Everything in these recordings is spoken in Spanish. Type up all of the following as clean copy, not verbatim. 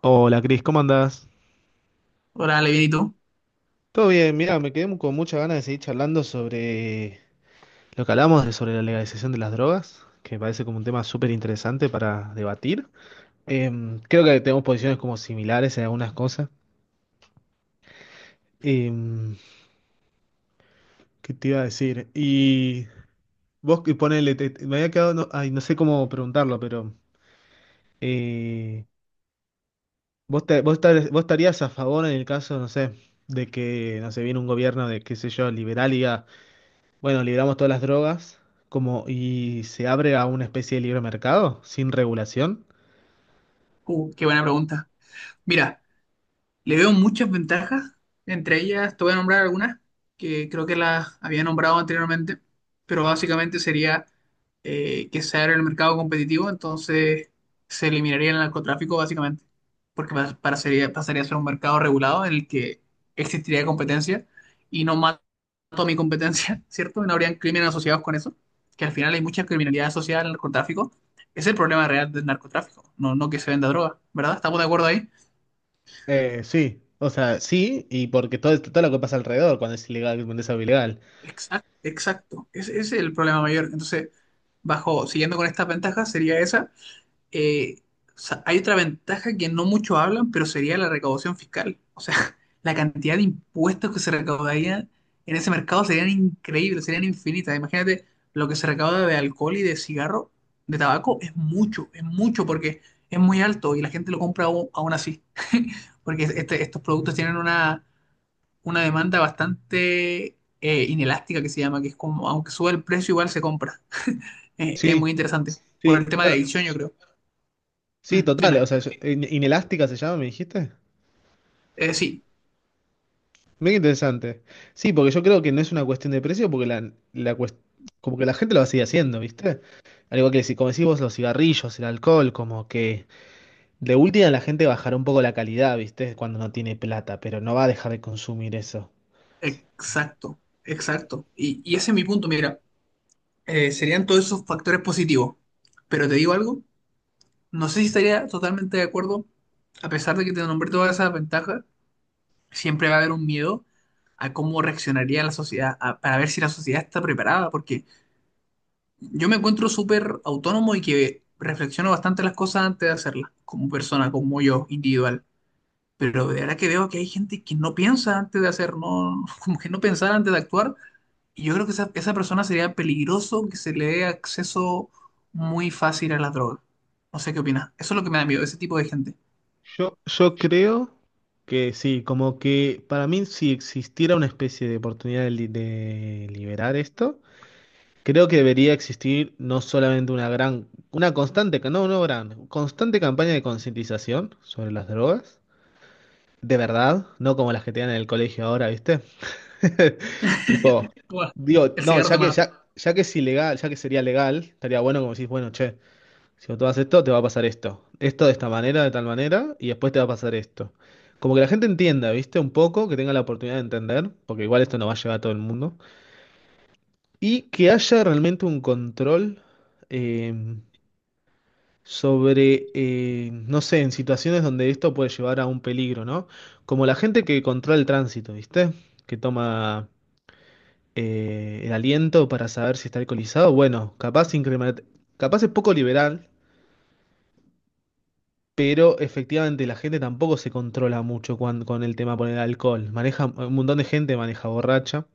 Hola Cris, ¿cómo andás? Hola, bien, ¿y tú? Todo bien, mira, me quedé con muchas ganas de seguir charlando sobre lo que hablamos de sobre la legalización de las drogas, que me parece como un tema súper interesante para debatir. Creo que tenemos posiciones como similares en algunas cosas. Em, ¿Qué te iba a decir? Y vos que ponele, me había quedado, no, ay, no sé cómo preguntarlo, pero eh, vos estarías a favor en el caso, no sé, de que, no sé, viene un gobierno de, qué sé yo, liberal y diga, bueno, liberamos todas las drogas como y se abre a una especie de libre mercado sin regulación. Qué buena pregunta. Mira, le veo muchas ventajas, entre ellas te voy a nombrar algunas que creo que las había nombrado anteriormente, pero básicamente sería que se abre el mercado competitivo, entonces se eliminaría el narcotráfico básicamente, porque pasaría a ser un mercado regulado en el que existiría competencia y no mato a mi competencia, ¿cierto? Y no habrían crímenes asociados con eso, que al final hay mucha criminalidad asociada al narcotráfico. Es el problema real del narcotráfico, no, no que se venda droga, ¿verdad? ¿Estamos de acuerdo ahí? Sí, o sea, sí, y porque todo, todo lo que pasa alrededor cuando es ilegal, cuando es algo ilegal. Exacto, exacto. Ese es el problema mayor. Entonces, bajo, siguiendo con estas ventajas, sería esa. Eh, o sea, hay otra ventaja que no mucho hablan, pero sería la recaudación fiscal. O sea, la cantidad de impuestos que se recaudarían en ese mercado serían increíbles, serían infinitas. Imagínate lo que se recauda de alcohol y de cigarro, de tabaco, es mucho porque es muy alto y la gente lo compra aún, aún así. Porque estos productos tienen una demanda bastante inelástica que se llama, que es como, aunque sube el precio, igual se compra. Es Sí, muy interesante. Por el sí, tema de bueno, adicción, yo creo. sí, Mm, total, o dime. sea, inelástica se llama, me dijiste. Sí, Mira, interesante. Sí, porque yo creo que no es una cuestión de precio, porque como que la gente lo va a seguir haciendo, ¿viste? Al igual que si, como decís vos, los cigarrillos, el alcohol, como que de última la gente bajará un poco la calidad, ¿viste? Cuando no tiene plata, pero no va a dejar de consumir eso. exacto, exacto. Y ese es mi punto, mira, serían todos esos factores positivos. Pero te digo algo, no sé si estaría totalmente de acuerdo, a pesar de que te nombré todas esas ventajas, siempre va a haber un miedo a cómo reaccionaría la sociedad, para ver si la sociedad está preparada, porque yo me encuentro súper autónomo y que reflexiono bastante las cosas antes de hacerlas, como persona, como yo, individual. Pero de verdad que veo que hay gente que no piensa antes de hacer, no, como que no pensar antes de actuar. Y yo creo que esa persona sería peligroso que se le dé acceso muy fácil a las drogas. No sé qué opinas. Eso es lo que me da miedo, ese tipo de gente. Yo creo que sí, como que para mí si existiera una especie de oportunidad de, de liberar esto, creo que debería existir no solamente una gran, una constante, no, no gran, constante campaña de concientización sobre las drogas, de verdad, no como las que te dan en el colegio ahora, ¿viste? Tipo, Bueno, digo, el no, cigarro te mata. Ya que es ilegal, ya que sería legal, estaría bueno como decís, bueno, che, si vos tomas esto, te va a pasar esto. Esto de esta manera, de tal manera, y después te va a pasar esto. Como que la gente entienda, ¿viste? Un poco, que tenga la oportunidad de entender, porque igual esto no va a llegar a todo el mundo. Y que haya realmente un control eh, sobre, no sé, en situaciones donde esto puede llevar a un peligro, ¿no? Como la gente que controla el tránsito, ¿viste? Que toma, el aliento para saber si está alcoholizado, bueno, capaz, capaz es poco liberal, pero efectivamente la gente tampoco se controla mucho con el tema por el alcohol. Maneja, un montón de gente maneja borracha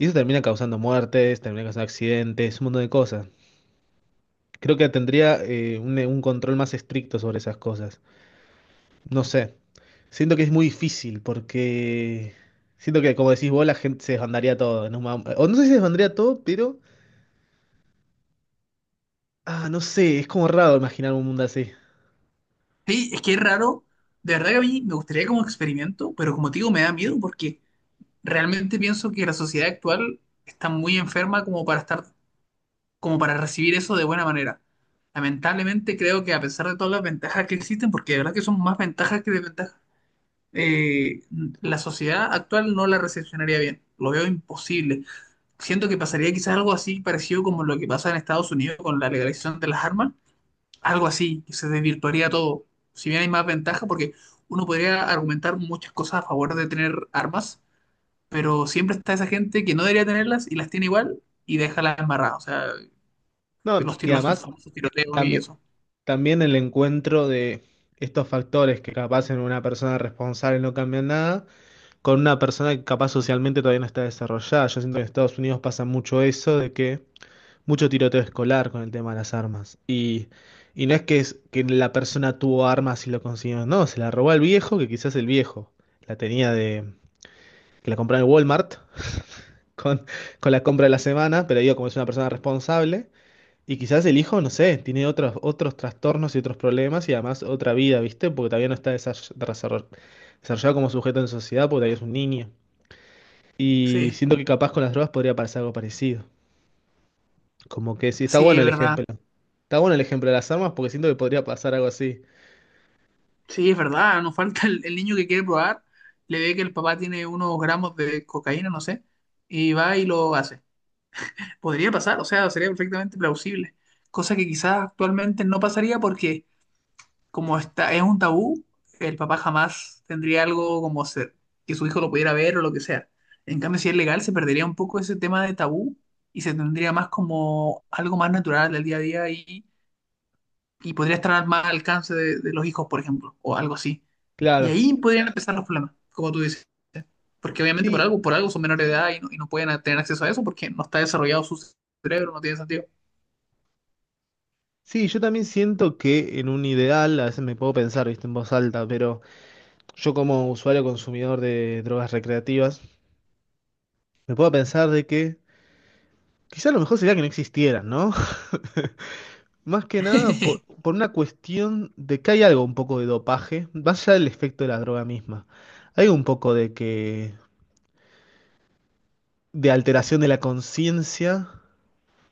y eso termina causando muertes, termina causando accidentes, un montón de cosas. Creo que tendría un control más estricto sobre esas cosas. No sé. Siento que es muy difícil porque siento que, como decís vos, la gente se desbandaría todo o no sé si se desbandaría todo, pero ah, no sé, es como raro imaginar un mundo así. Sí, es que es raro. De verdad que a mí me gustaría como experimento, pero como te digo, me da miedo porque realmente pienso que la sociedad actual está muy enferma como para estar, como para recibir eso de buena manera. Lamentablemente creo que a pesar de todas las ventajas que existen, porque de verdad que son más ventajas que desventajas, eh, la sociedad actual no la recepcionaría bien. Lo veo imposible. Siento que pasaría quizás algo así parecido como lo que pasa en Estados Unidos con la legalización de las armas. Algo así, que se desvirtuaría todo. Si bien hay más ventaja, porque uno podría argumentar muchas cosas a favor de tener armas, pero siempre está esa gente que no debería tenerlas y las tiene igual y deja las embarradas, o sea, No, los y tiros, los además famosos tiroteos y también, eso. también el encuentro de estos factores que capaz en una persona responsable no cambian nada, con una persona que capaz socialmente todavía no está desarrollada. Yo siento que en Estados Unidos pasa mucho eso de que mucho tiroteo escolar con el tema de las armas. Y no es que, es que la persona tuvo armas y lo consiguió, no, se la robó al viejo, que quizás el viejo la tenía de... que la compró en el Walmart con, con la compra de la semana, pero digo, como es una persona responsable. Y quizás el hijo, no sé, tiene otros trastornos y otros problemas y además otra vida, ¿viste? Porque todavía no está desarrollado como sujeto en sociedad porque todavía es un niño. Y Sí, siento que capaz con las drogas podría pasar algo parecido. Como que sí, está sí, bueno es el verdad. ejemplo. Está bueno el ejemplo de las armas porque siento que podría pasar algo así. Sí, es verdad, nos falta el niño que quiere probar, le ve que el papá tiene unos gramos de cocaína, no sé, y va y lo hace. Podría pasar, o sea, sería perfectamente plausible, cosa que quizás actualmente no pasaría porque como está, es un tabú, el papá jamás tendría algo como ser, que su hijo lo pudiera ver o lo que sea. En cambio, si es legal, se perdería un poco ese tema de tabú y se tendría más como algo más natural del día a día y podría estar más al alcance de los hijos, por ejemplo, o algo así. Y Claro. ahí podrían empezar los problemas, como tú dices. Porque obviamente Sí, por algo son menores de edad y no pueden tener acceso a eso porque no está desarrollado su cerebro, no tiene sentido. sí, yo también siento que en un ideal, a veces me puedo pensar, ¿viste? En voz alta, pero yo como usuario consumidor de drogas recreativas, me puedo pensar de que quizás lo mejor sería que no existieran, ¿no? Más que nada por, por una cuestión de que hay algo un poco de dopaje, más allá del efecto de la droga misma. Hay un poco de que, de alteración de la conciencia,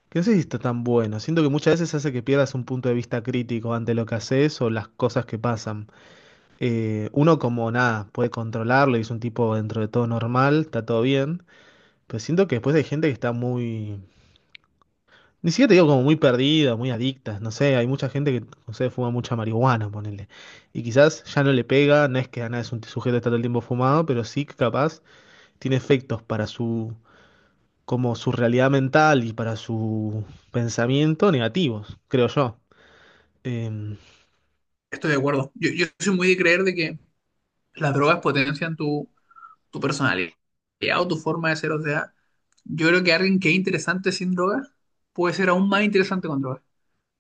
que no sé si está tan bueno. Siento que muchas veces hace que pierdas un punto de vista crítico ante lo que haces o las cosas que pasan. Uno como nada, puede controlarlo y es un tipo dentro de todo normal, está todo bien. Pero siento que después hay gente que está muy, ni siquiera te digo como muy perdidas, muy adictas, no sé, hay mucha gente que, no sé, fuma mucha marihuana, ponele. Y quizás ya no le pega, no es que nada es un sujeto que está todo el tiempo fumado, pero sí que capaz tiene efectos para su, como su realidad mental y para su pensamiento negativos, creo yo. Em, Estoy de acuerdo. Yo soy muy de creer de que las drogas potencian tu, tu personalidad o tu forma de ser. O sea, yo creo que alguien que es interesante sin droga puede ser aún más interesante con droga.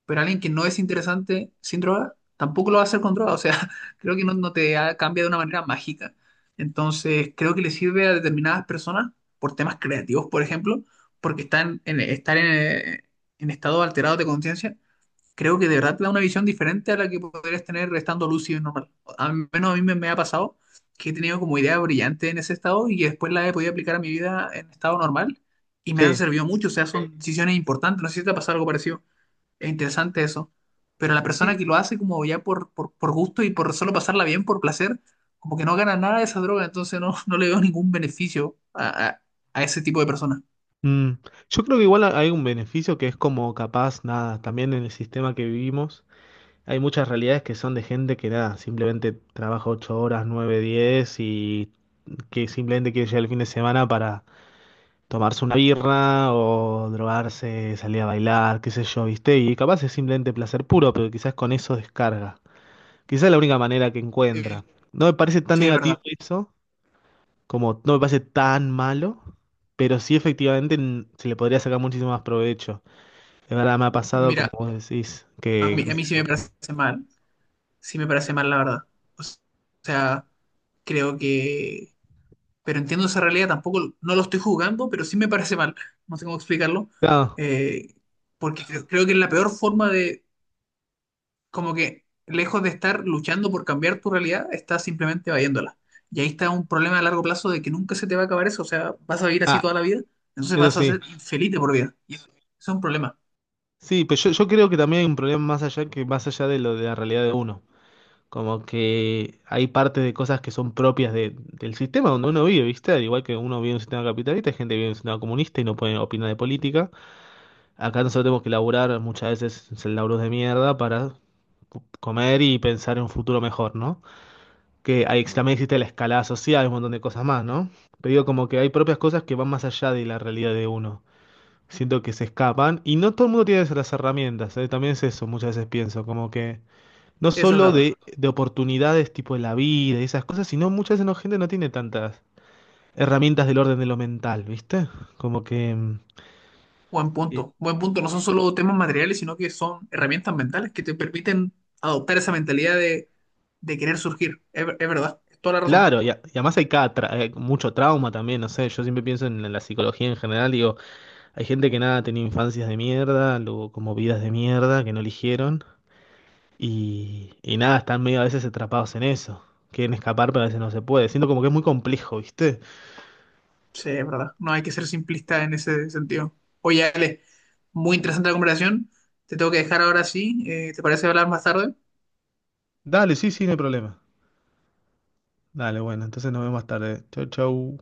Pero alguien que no es interesante sin droga tampoco lo va a hacer con droga. O sea, creo que no, cambia de una manera mágica. Entonces, creo que le sirve a determinadas personas por temas creativos, por ejemplo, porque estar en estado alterado de conciencia creo que de verdad te da una visión diferente a la que podrías tener estando lúcido y normal. Al menos a mí me, me ha pasado que he tenido como ideas brillantes en ese estado y que después las he podido aplicar a mi vida en estado normal y me han sí. servido mucho. O sea, son decisiones importantes. No sé si te ha pasado algo parecido. Es interesante eso. Pero la Sí, persona que lo hace como ya por gusto y por solo pasarla bien, por placer, como que no gana nada de esa droga, entonces no, no le veo ningún beneficio a ese tipo de personas. Mm, yo creo que igual hay un beneficio que es como capaz, nada, también en el sistema que vivimos hay muchas realidades que son de gente que nada, simplemente trabaja 8 horas, 9, 10 y que simplemente quiere llegar el fin de semana para tomarse una birra o drogarse, salir a bailar, qué sé yo, ¿viste? Y capaz es simplemente placer puro, pero quizás con eso descarga. Quizás es la única manera que encuentra. Sí, No me parece tan sí, es negativo verdad. eso, como no me parece tan malo, pero sí efectivamente se le podría sacar muchísimo más provecho. De verdad me ha pasado, como Mira, vos decís, que... a mí sí me parece mal, sí me parece mal, la verdad. O sea, creo que... Pero entiendo esa realidad, tampoco no lo estoy jugando, pero sí me parece mal. No sé cómo explicarlo. Claro. eh, Porque creo, creo que es la peor forma de, como que lejos de estar luchando por cambiar tu realidad, estás simplemente evadiéndola. Y ahí está un problema a largo plazo de que nunca se te va a acabar eso. O sea, vas a vivir así Ah, toda la vida, entonces eso vas a ser sí. infeliz de por vida. Y eso es un problema. Sí, pero yo creo que también hay un problema más allá que más allá de lo de la realidad de uno. Como que hay parte de cosas que son propias del sistema donde uno vive, ¿viste? Al igual que uno vive en un sistema capitalista, hay gente que vive en un sistema comunista y no puede opinar de política. Acá nosotros tenemos que laburar muchas veces en laburos de mierda para comer y pensar en un futuro mejor, ¿no? Que ahí también existe la escalada social, un montón de cosas más, ¿no? Pero digo, como que hay propias cosas que van más allá de la realidad de uno. Siento que se escapan y no todo el mundo tiene las herramientas, ¿eh? También es eso, muchas veces pienso, como que... No Eso es solo verdad. De oportunidades tipo de la vida y esas cosas, sino muchas veces no, gente no tiene tantas herramientas del orden de lo mental, ¿viste? Como que... Buen y- punto, buen punto. No son solo temas materiales, sino que son herramientas mentales que te permiten adoptar esa mentalidad de querer surgir. Es, es verdad, es toda la razón. Claro, y además hay mucho trauma también, no sé, yo siempre pienso en, la psicología en general, digo, hay gente que nada, tenía infancias de mierda, luego como vidas de mierda que no eligieron, y nada, están medio a veces atrapados en eso, quieren escapar pero a veces no se puede, siento como que es muy complejo, ¿viste? Sí, es verdad. No hay que ser simplista en ese sentido. Oye, Ale, muy interesante la conversación. Te tengo que dejar ahora sí. ¿Te parece hablar más tarde? Dale, sí, sí, no hay problema. Dale, bueno, entonces nos vemos más tarde. Chau, chau.